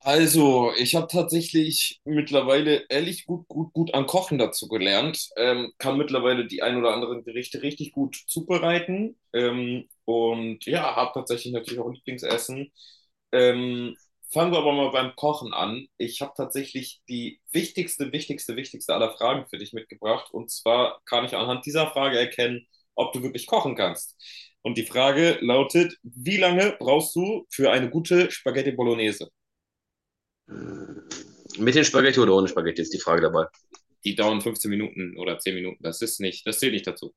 Also, ich habe tatsächlich mittlerweile ehrlich gut an Kochen dazu gelernt. Kann mittlerweile die ein oder anderen Gerichte richtig gut zubereiten. Und ja, habe tatsächlich natürlich auch Lieblingsessen. Ähm, Fangen wir aber mal beim Kochen an. Ich habe tatsächlich die wichtigste aller Fragen für dich mitgebracht. Und zwar kann ich anhand dieser Frage erkennen, ob du wirklich kochen kannst. Und die Frage lautet, wie lange brauchst du für eine gute Spaghetti Bolognese? Mit den Spaghetti oder ohne Spaghetti ist die Frage dabei. Die dauern 15 Minuten oder 10 Minuten. Das zählt nicht dazu.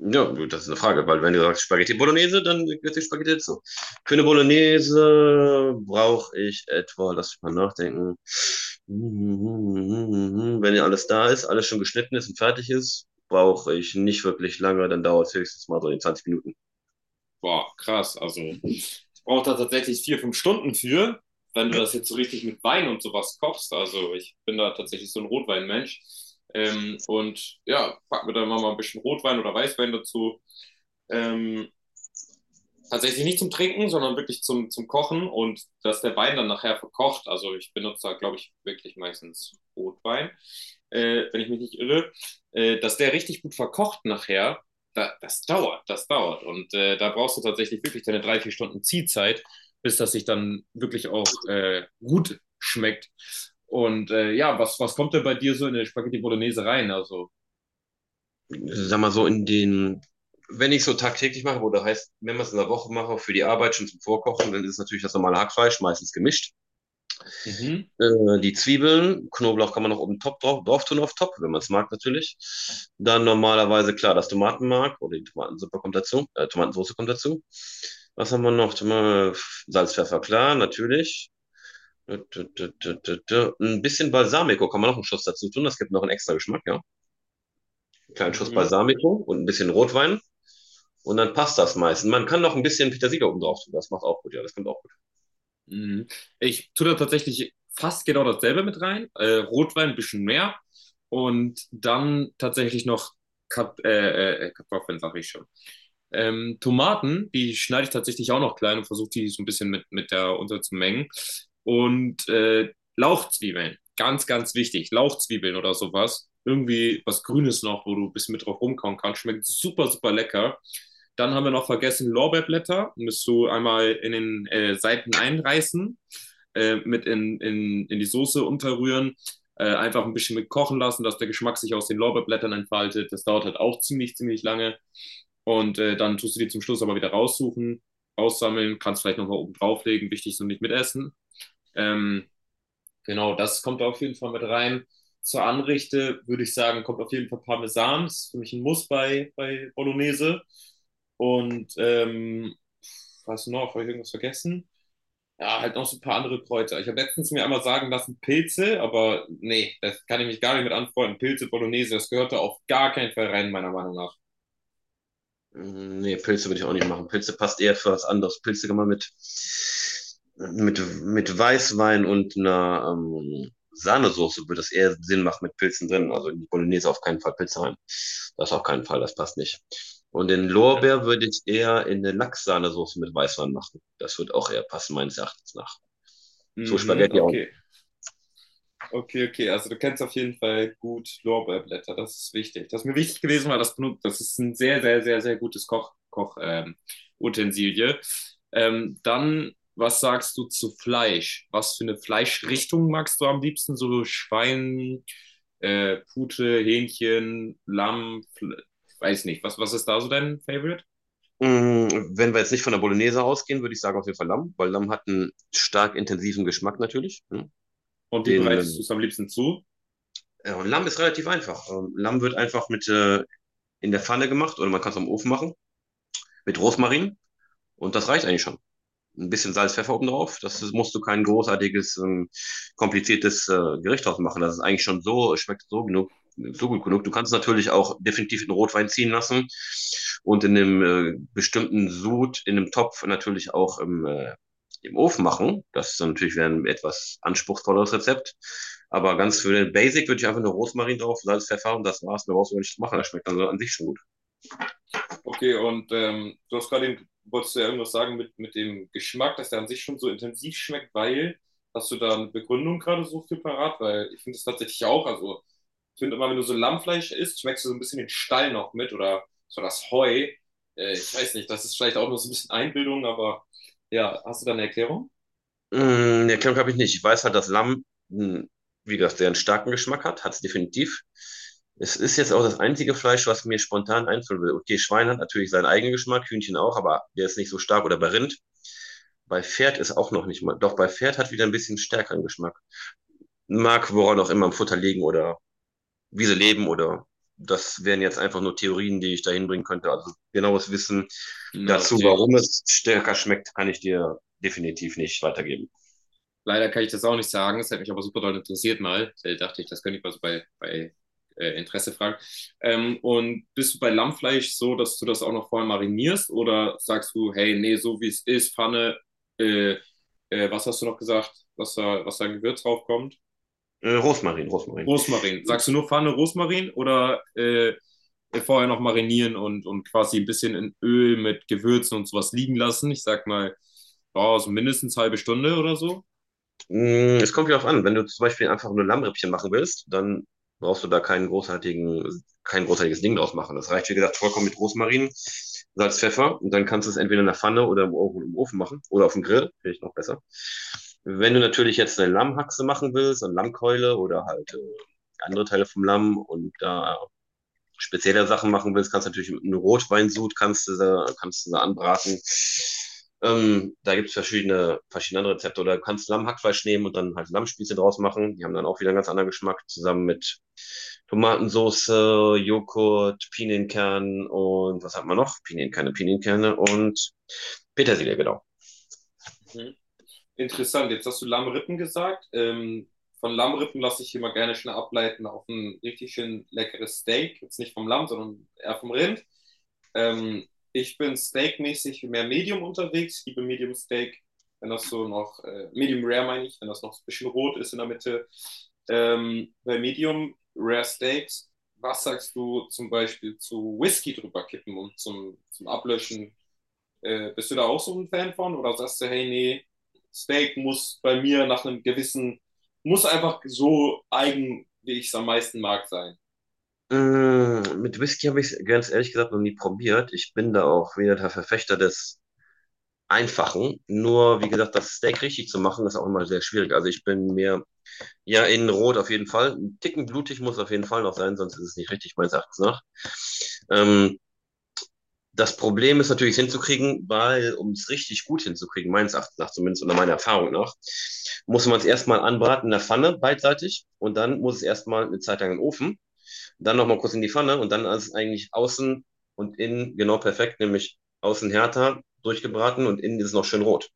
Ja, das ist eine Frage, weil wenn du sagst Spaghetti Bolognese, dann gehört die Spaghetti dazu. Für eine Bolognese brauche ich etwa, lass mich mal nachdenken, wenn ja alles da ist, alles schon geschnitten ist und fertig ist, brauche ich nicht wirklich lange, dann dauert es höchstens mal so in 20 Minuten. Boah, krass. Also, ich brauche da tatsächlich vier, fünf Stunden für, wenn du das jetzt so richtig mit Wein und sowas kochst. Also, ich bin da tatsächlich so ein Rotweinmensch. Und ja, pack mir dann mal ein bisschen Rotwein oder Weißwein dazu. Ähm, Tatsächlich nicht zum Trinken, sondern wirklich zum Kochen und dass der Wein dann nachher verkocht. Also ich benutze da, glaube ich, wirklich meistens Rotwein, wenn ich mich nicht irre, dass der richtig gut verkocht nachher. Das dauert, das dauert. Und da brauchst du tatsächlich wirklich deine drei, vier Stunden Ziehzeit, bis das sich dann wirklich auch gut schmeckt. Und ja, was kommt denn bei dir so in eine Spaghetti Bolognese rein? Also, Sag mal so in den, wenn ich es so tagtäglich mache, oder heißt, wenn man es in der Woche mache, für die Arbeit schon zum Vorkochen, dann ist es natürlich das normale Hackfleisch, meistens gemischt. mhm, Die Zwiebeln, Knoblauch kann man noch oben top drauf, drauf tun, auf top, wenn man es mag natürlich. Dann normalerweise, klar, das Tomatenmark oder die Tomatensuppe kommt dazu, Tomatensauce kommt dazu. Was haben wir noch? Toma- Salz, Pfeffer, klar, natürlich. Ein bisschen Balsamico kann man noch einen Schuss dazu tun, das gibt noch einen extra Geschmack, ja. Einen kleinen Schuss mhm. Balsamico und ein bisschen Rotwein und dann passt das meistens. Man kann noch ein bisschen Petersilie oben drauf tun, das macht auch gut, ja, das kommt auch. Mhm. Ich tue da tatsächlich fast genau dasselbe mit rein. Rotwein ein bisschen mehr und dann tatsächlich noch Kat Kartoffeln, sag ich schon. Tomaten, die schneide ich tatsächlich auch noch klein und versuche die so ein bisschen mit der unterzumengen. Und Lauchzwiebeln, ganz wichtig. Lauchzwiebeln oder sowas. Irgendwie was Grünes noch, wo du ein bisschen mit drauf rumkauen kannst. Schmeckt super lecker. Dann haben wir noch vergessen Lorbeerblätter. Müsst du einmal in den Seiten einreißen, mit in die Soße unterrühren, einfach ein bisschen mit kochen lassen, dass der Geschmack sich aus den Lorbeerblättern entfaltet. Das dauert halt auch ziemlich lange. Und dann tust du die zum Schluss aber wieder raussuchen, aussammeln, kannst vielleicht nochmal oben drauflegen. Wichtig ist nur nicht mitessen. Ähm, Genau, das kommt auf jeden Fall mit rein. Zur Anrichte würde ich sagen, kommt auf jeden Fall Parmesan. Ist für mich ein Muss bei Bolognese. Und was noch? Habe ich irgendwas vergessen? Ja, halt noch so ein paar andere Kräuter. Ich habe letztens mir einmal sagen lassen, Pilze, aber nee, das kann ich mich gar nicht mit anfreunden. Pilze, Bolognese, das gehört da auf gar keinen Fall rein, meiner Meinung nach. Mm, nee, Pilze würde ich auch nicht machen. Pilze passt eher für was anderes. Pilze kann man mit Weißwein und einer Sahnesoße würde es eher Sinn machen mit Pilzen drin. Also in die Bolognese auf keinen Fall Pilze rein. Das auf keinen Fall, das passt nicht. Und den Lorbeer würde ich eher in eine Lachssahnesoße mit Weißwein machen. Das wird auch eher passen, meines Erachtens nach. So Mhm, Spaghetti auch. okay. Okay, okay, also du kennst auf jeden Fall gut Lorbeerblätter, das ist wichtig. Das ist mir wichtig gewesen, weil das benutzt, das ist ein sehr gutes Koch Utensilie. Dann, was sagst du zu Fleisch? Was für eine Fleischrichtung magst du am liebsten? So Schwein, Pute, Hähnchen, Lamm, weiß nicht. Was ist da so dein Favorite? Mm, wenn wir jetzt nicht von der Bolognese ausgehen, würde ich sagen auf jeden Fall Lamm, weil Lamm hat einen stark intensiven Geschmack natürlich, ne? Und wie Den, bereitest du es am liebsten zu? ja, und Lamm ist relativ einfach. Lamm wird einfach mit in der Pfanne gemacht oder man kann es am Ofen machen, mit Rosmarin und das reicht eigentlich schon, ein bisschen Salz, Pfeffer oben drauf. Das musst du kein großartiges, kompliziertes Gericht draus machen. Das ist eigentlich schon so, schmeckt so genug, so gut genug. Du kannst es natürlich auch definitiv in Rotwein ziehen lassen und in einem bestimmten Sud, in einem Topf natürlich auch im Ofen machen. Das ist dann natürlich wieder ein etwas anspruchsvolleres Rezept. Aber ganz für den Basic würde ich einfach nur Rosmarin drauf, Salz, Pfeffer und das war's. Mehr brauchst du gar nicht machen. Das schmeckt dann so an sich schon gut. Okay, und du hast gerade, wolltest du ja irgendwas sagen mit dem Geschmack, dass der an sich schon so intensiv schmeckt, weil, hast du da eine Begründung gerade so für parat? Weil ich finde das tatsächlich auch, also ich finde immer, wenn du so Lammfleisch isst, schmeckst du so ein bisschen den Stall noch mit oder so das Heu. Ich weiß nicht, das ist vielleicht auch nur so ein bisschen Einbildung, aber ja, hast du da eine Erklärung? Mm, nee, Klemmung habe ich nicht. Ich weiß halt, dass Lamm, mm, wie gesagt, sehr einen starken Geschmack hat. Hat es definitiv. Es ist jetzt auch das einzige Fleisch, was mir spontan einfallen will. Okay, Schwein hat natürlich seinen eigenen Geschmack, Hühnchen auch, aber der ist nicht so stark. Oder bei Rind. Bei Pferd ist auch noch nicht mal. Doch bei Pferd hat wieder ein bisschen stärkeren Geschmack. Mag woran auch immer im Futter liegen oder wie sie leben oder das wären jetzt einfach nur Theorien, die ich da hinbringen könnte. Also genaues Wissen Na, dazu, okay. warum es stärker schmeckt, kann ich dir definitiv nicht weitergeben. Leider kann ich das auch nicht sagen. Es hat mich aber super doll interessiert mal. Da dachte ich, das könnte ich mal so bei Interesse fragen. Und bist du bei Lammfleisch so, dass du das auch noch vorher marinierst oder sagst du, hey, nee, so wie es ist, Pfanne, äh, was hast du noch gesagt, was da ein Gewürz draufkommt? Rosmarin, Rosmarin. Rosmarin. Sagst du nur Pfanne Rosmarin oder vorher noch marinieren und quasi ein bisschen in Öl mit Gewürzen und sowas liegen lassen? Ich sag mal, oh, so mindestens eine halbe Stunde oder so. Mm, es kommt wieder auf an, wenn du zum Beispiel einfach nur Lammrippchen machen willst, dann brauchst du da keinen großartigen, kein großartiges Ding draus machen. Das reicht, wie gesagt, vollkommen mit Rosmarin, Salz, Pfeffer und dann kannst du es entweder in der Pfanne oder im Ofen machen oder auf dem Grill, finde ich noch besser. Wenn du natürlich jetzt eine Lammhaxe machen willst, eine Lammkeule oder halt andere Teile vom Lamm und da spezielle Sachen machen willst, kannst du natürlich einen Rotweinsud kannst du anbraten. Da gibt es verschiedene andere Rezepte. Oder du kannst Lammhackfleisch nehmen und dann halt Lammspieße draus machen. Die haben dann auch wieder einen ganz anderen Geschmack, zusammen mit Tomatensauce, Joghurt, Pinienkern und was hat man noch? Pinienkerne und Petersilie, genau. Interessant, jetzt hast du Lammrippen gesagt. Von Lammrippen lasse ich immer gerne schnell ableiten auf ein richtig schön leckeres Steak. Jetzt nicht vom Lamm, sondern eher vom Rind. Ähm, Ich bin steakmäßig mehr Medium unterwegs. Ich liebe Medium Steak, wenn das so noch, Medium Rare meine ich, wenn das noch so ein bisschen rot ist in der Mitte. Bei Medium Rare Steaks, was sagst du zum Beispiel zu Whisky drüber kippen und zum Ablöschen bist du da auch so ein Fan von oder sagst du, hey, nee, Steak muss bei mir nach einem gewissen, muss einfach so eigen, wie ich es am meisten mag, sein? Mit Whisky habe ich es ganz ehrlich gesagt noch nie probiert. Ich bin da auch wieder der Verfechter des Einfachen. Nur, wie gesagt, das Steak richtig zu machen, ist auch immer sehr schwierig. Also ich bin mir, ja, in Rot auf jeden Fall. Ein Ticken blutig muss auf jeden Fall noch sein, sonst ist es nicht richtig, meines Erachtens nach. Ähm, Das Problem ist natürlich, es hinzukriegen, weil, um es richtig gut hinzukriegen, meines Erachtens nach zumindest oder meiner Erfahrung nach, muss man es erstmal anbraten in der Pfanne beidseitig und dann muss es erstmal eine Zeit lang in den Ofen. Dann nochmal kurz in die Pfanne und dann ist eigentlich außen und innen genau perfekt, nämlich außen härter durchgebraten und innen ist es noch schön rot.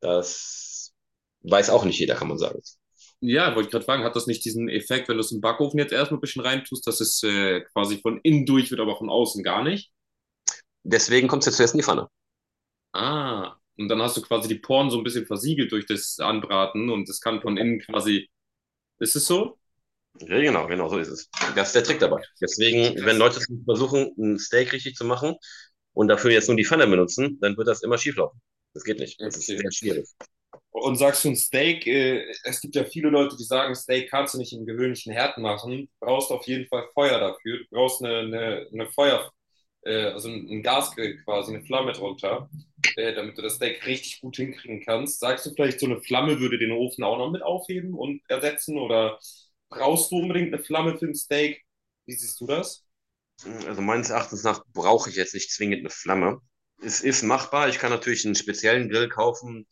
Das weiß auch nicht jeder, kann man sagen. Ja, wollte ich gerade fragen, hat das nicht diesen Effekt, wenn du es im Backofen jetzt erstmal ein bisschen reintust, dass es quasi von innen durch wird, aber von außen gar nicht? Deswegen kommt es jetzt zuerst in die Pfanne. Ah, und dann hast du quasi die Poren so ein bisschen versiegelt durch das Anbraten und es kann von innen quasi. Ist es so? Ja, genau, genau, so ist es. Das ist der Trick Ah, dabei. krass. Deswegen, wenn Krass. Leute versuchen, ein Steak richtig zu machen und dafür jetzt nur die Pfanne benutzen, dann wird das immer schieflaufen. Das geht nicht. Das ist Okay. sehr schwierig. Und sagst du ein Steak, es gibt ja viele Leute, die sagen, Steak kannst du nicht im gewöhnlichen Herd machen, du brauchst auf jeden Fall Feuer dafür, du brauchst eine Feuer, also ein Gasgrill quasi, eine Flamme drunter, damit du das Steak richtig gut hinkriegen kannst. Sagst du vielleicht, so eine Flamme würde den Ofen auch noch mit aufheben und ersetzen oder brauchst du unbedingt eine Flamme für ein Steak? Wie siehst du das? Also meines Erachtens nach brauche ich jetzt nicht zwingend eine Flamme. Es ist machbar. Ich kann natürlich einen speziellen Grill kaufen.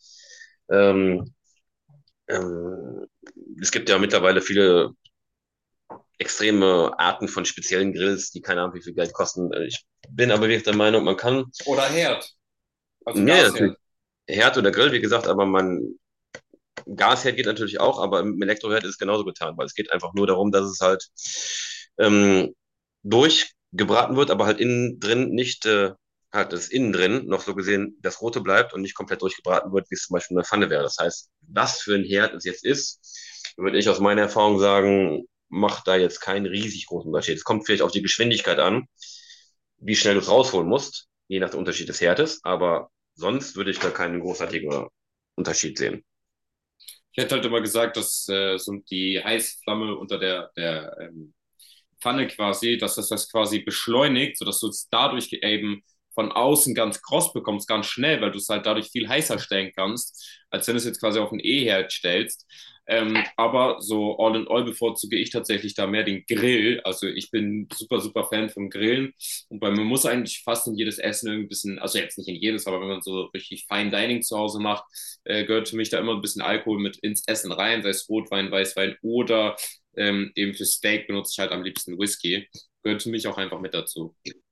Ähm, ähm, Es gibt ja mittlerweile viele extreme Arten von speziellen Grills, die keine Ahnung, wie viel Geld kosten. Ich bin aber wirklich der Meinung, man kann, Oder Herd, also ja, ja, natürlich, Gasherd. Herd oder Grill, wie gesagt, aber man Gasherd geht natürlich auch, aber im Elektroherd ist es genauso getan, weil es geht einfach nur darum, dass es halt ähm, durchgebraten wird, aber halt innen drin nicht, halt das innen drin noch so gesehen das Rote bleibt und nicht komplett durchgebraten wird, wie es zum Beispiel in der Pfanne wäre. Das heißt, was für ein Herd es jetzt ist, würde ich aus meiner Erfahrung sagen, macht da jetzt keinen riesig großen Unterschied. Es kommt vielleicht auf die Geschwindigkeit an, wie schnell du es rausholen musst, je nach dem Unterschied des Herdes, aber sonst würde ich da keinen großartigen Unterschied sehen. Ich hätte halt immer gesagt, dass so die Heißflamme unter der Pfanne quasi, dass das quasi beschleunigt, sodass du es dadurch eben von außen ganz kross bekommst, ganz schnell, weil du es halt dadurch viel heißer stellen kannst, als wenn du es jetzt quasi auf ein E-Herd stellst. Aber so all in all bevorzuge ich tatsächlich da mehr den Grill. Also ich bin super Fan vom Grillen. Und bei mir muss eigentlich fast in jedes Essen irgendwie ein bisschen, also jetzt nicht in jedes, aber wenn man so richtig Fine Dining zu Hause macht, gehört für mich da immer ein bisschen Alkohol mit ins Essen rein, sei es Rotwein, Weißwein oder eben für Steak benutze ich halt am liebsten Whisky. Gehört für mich auch einfach mit dazu.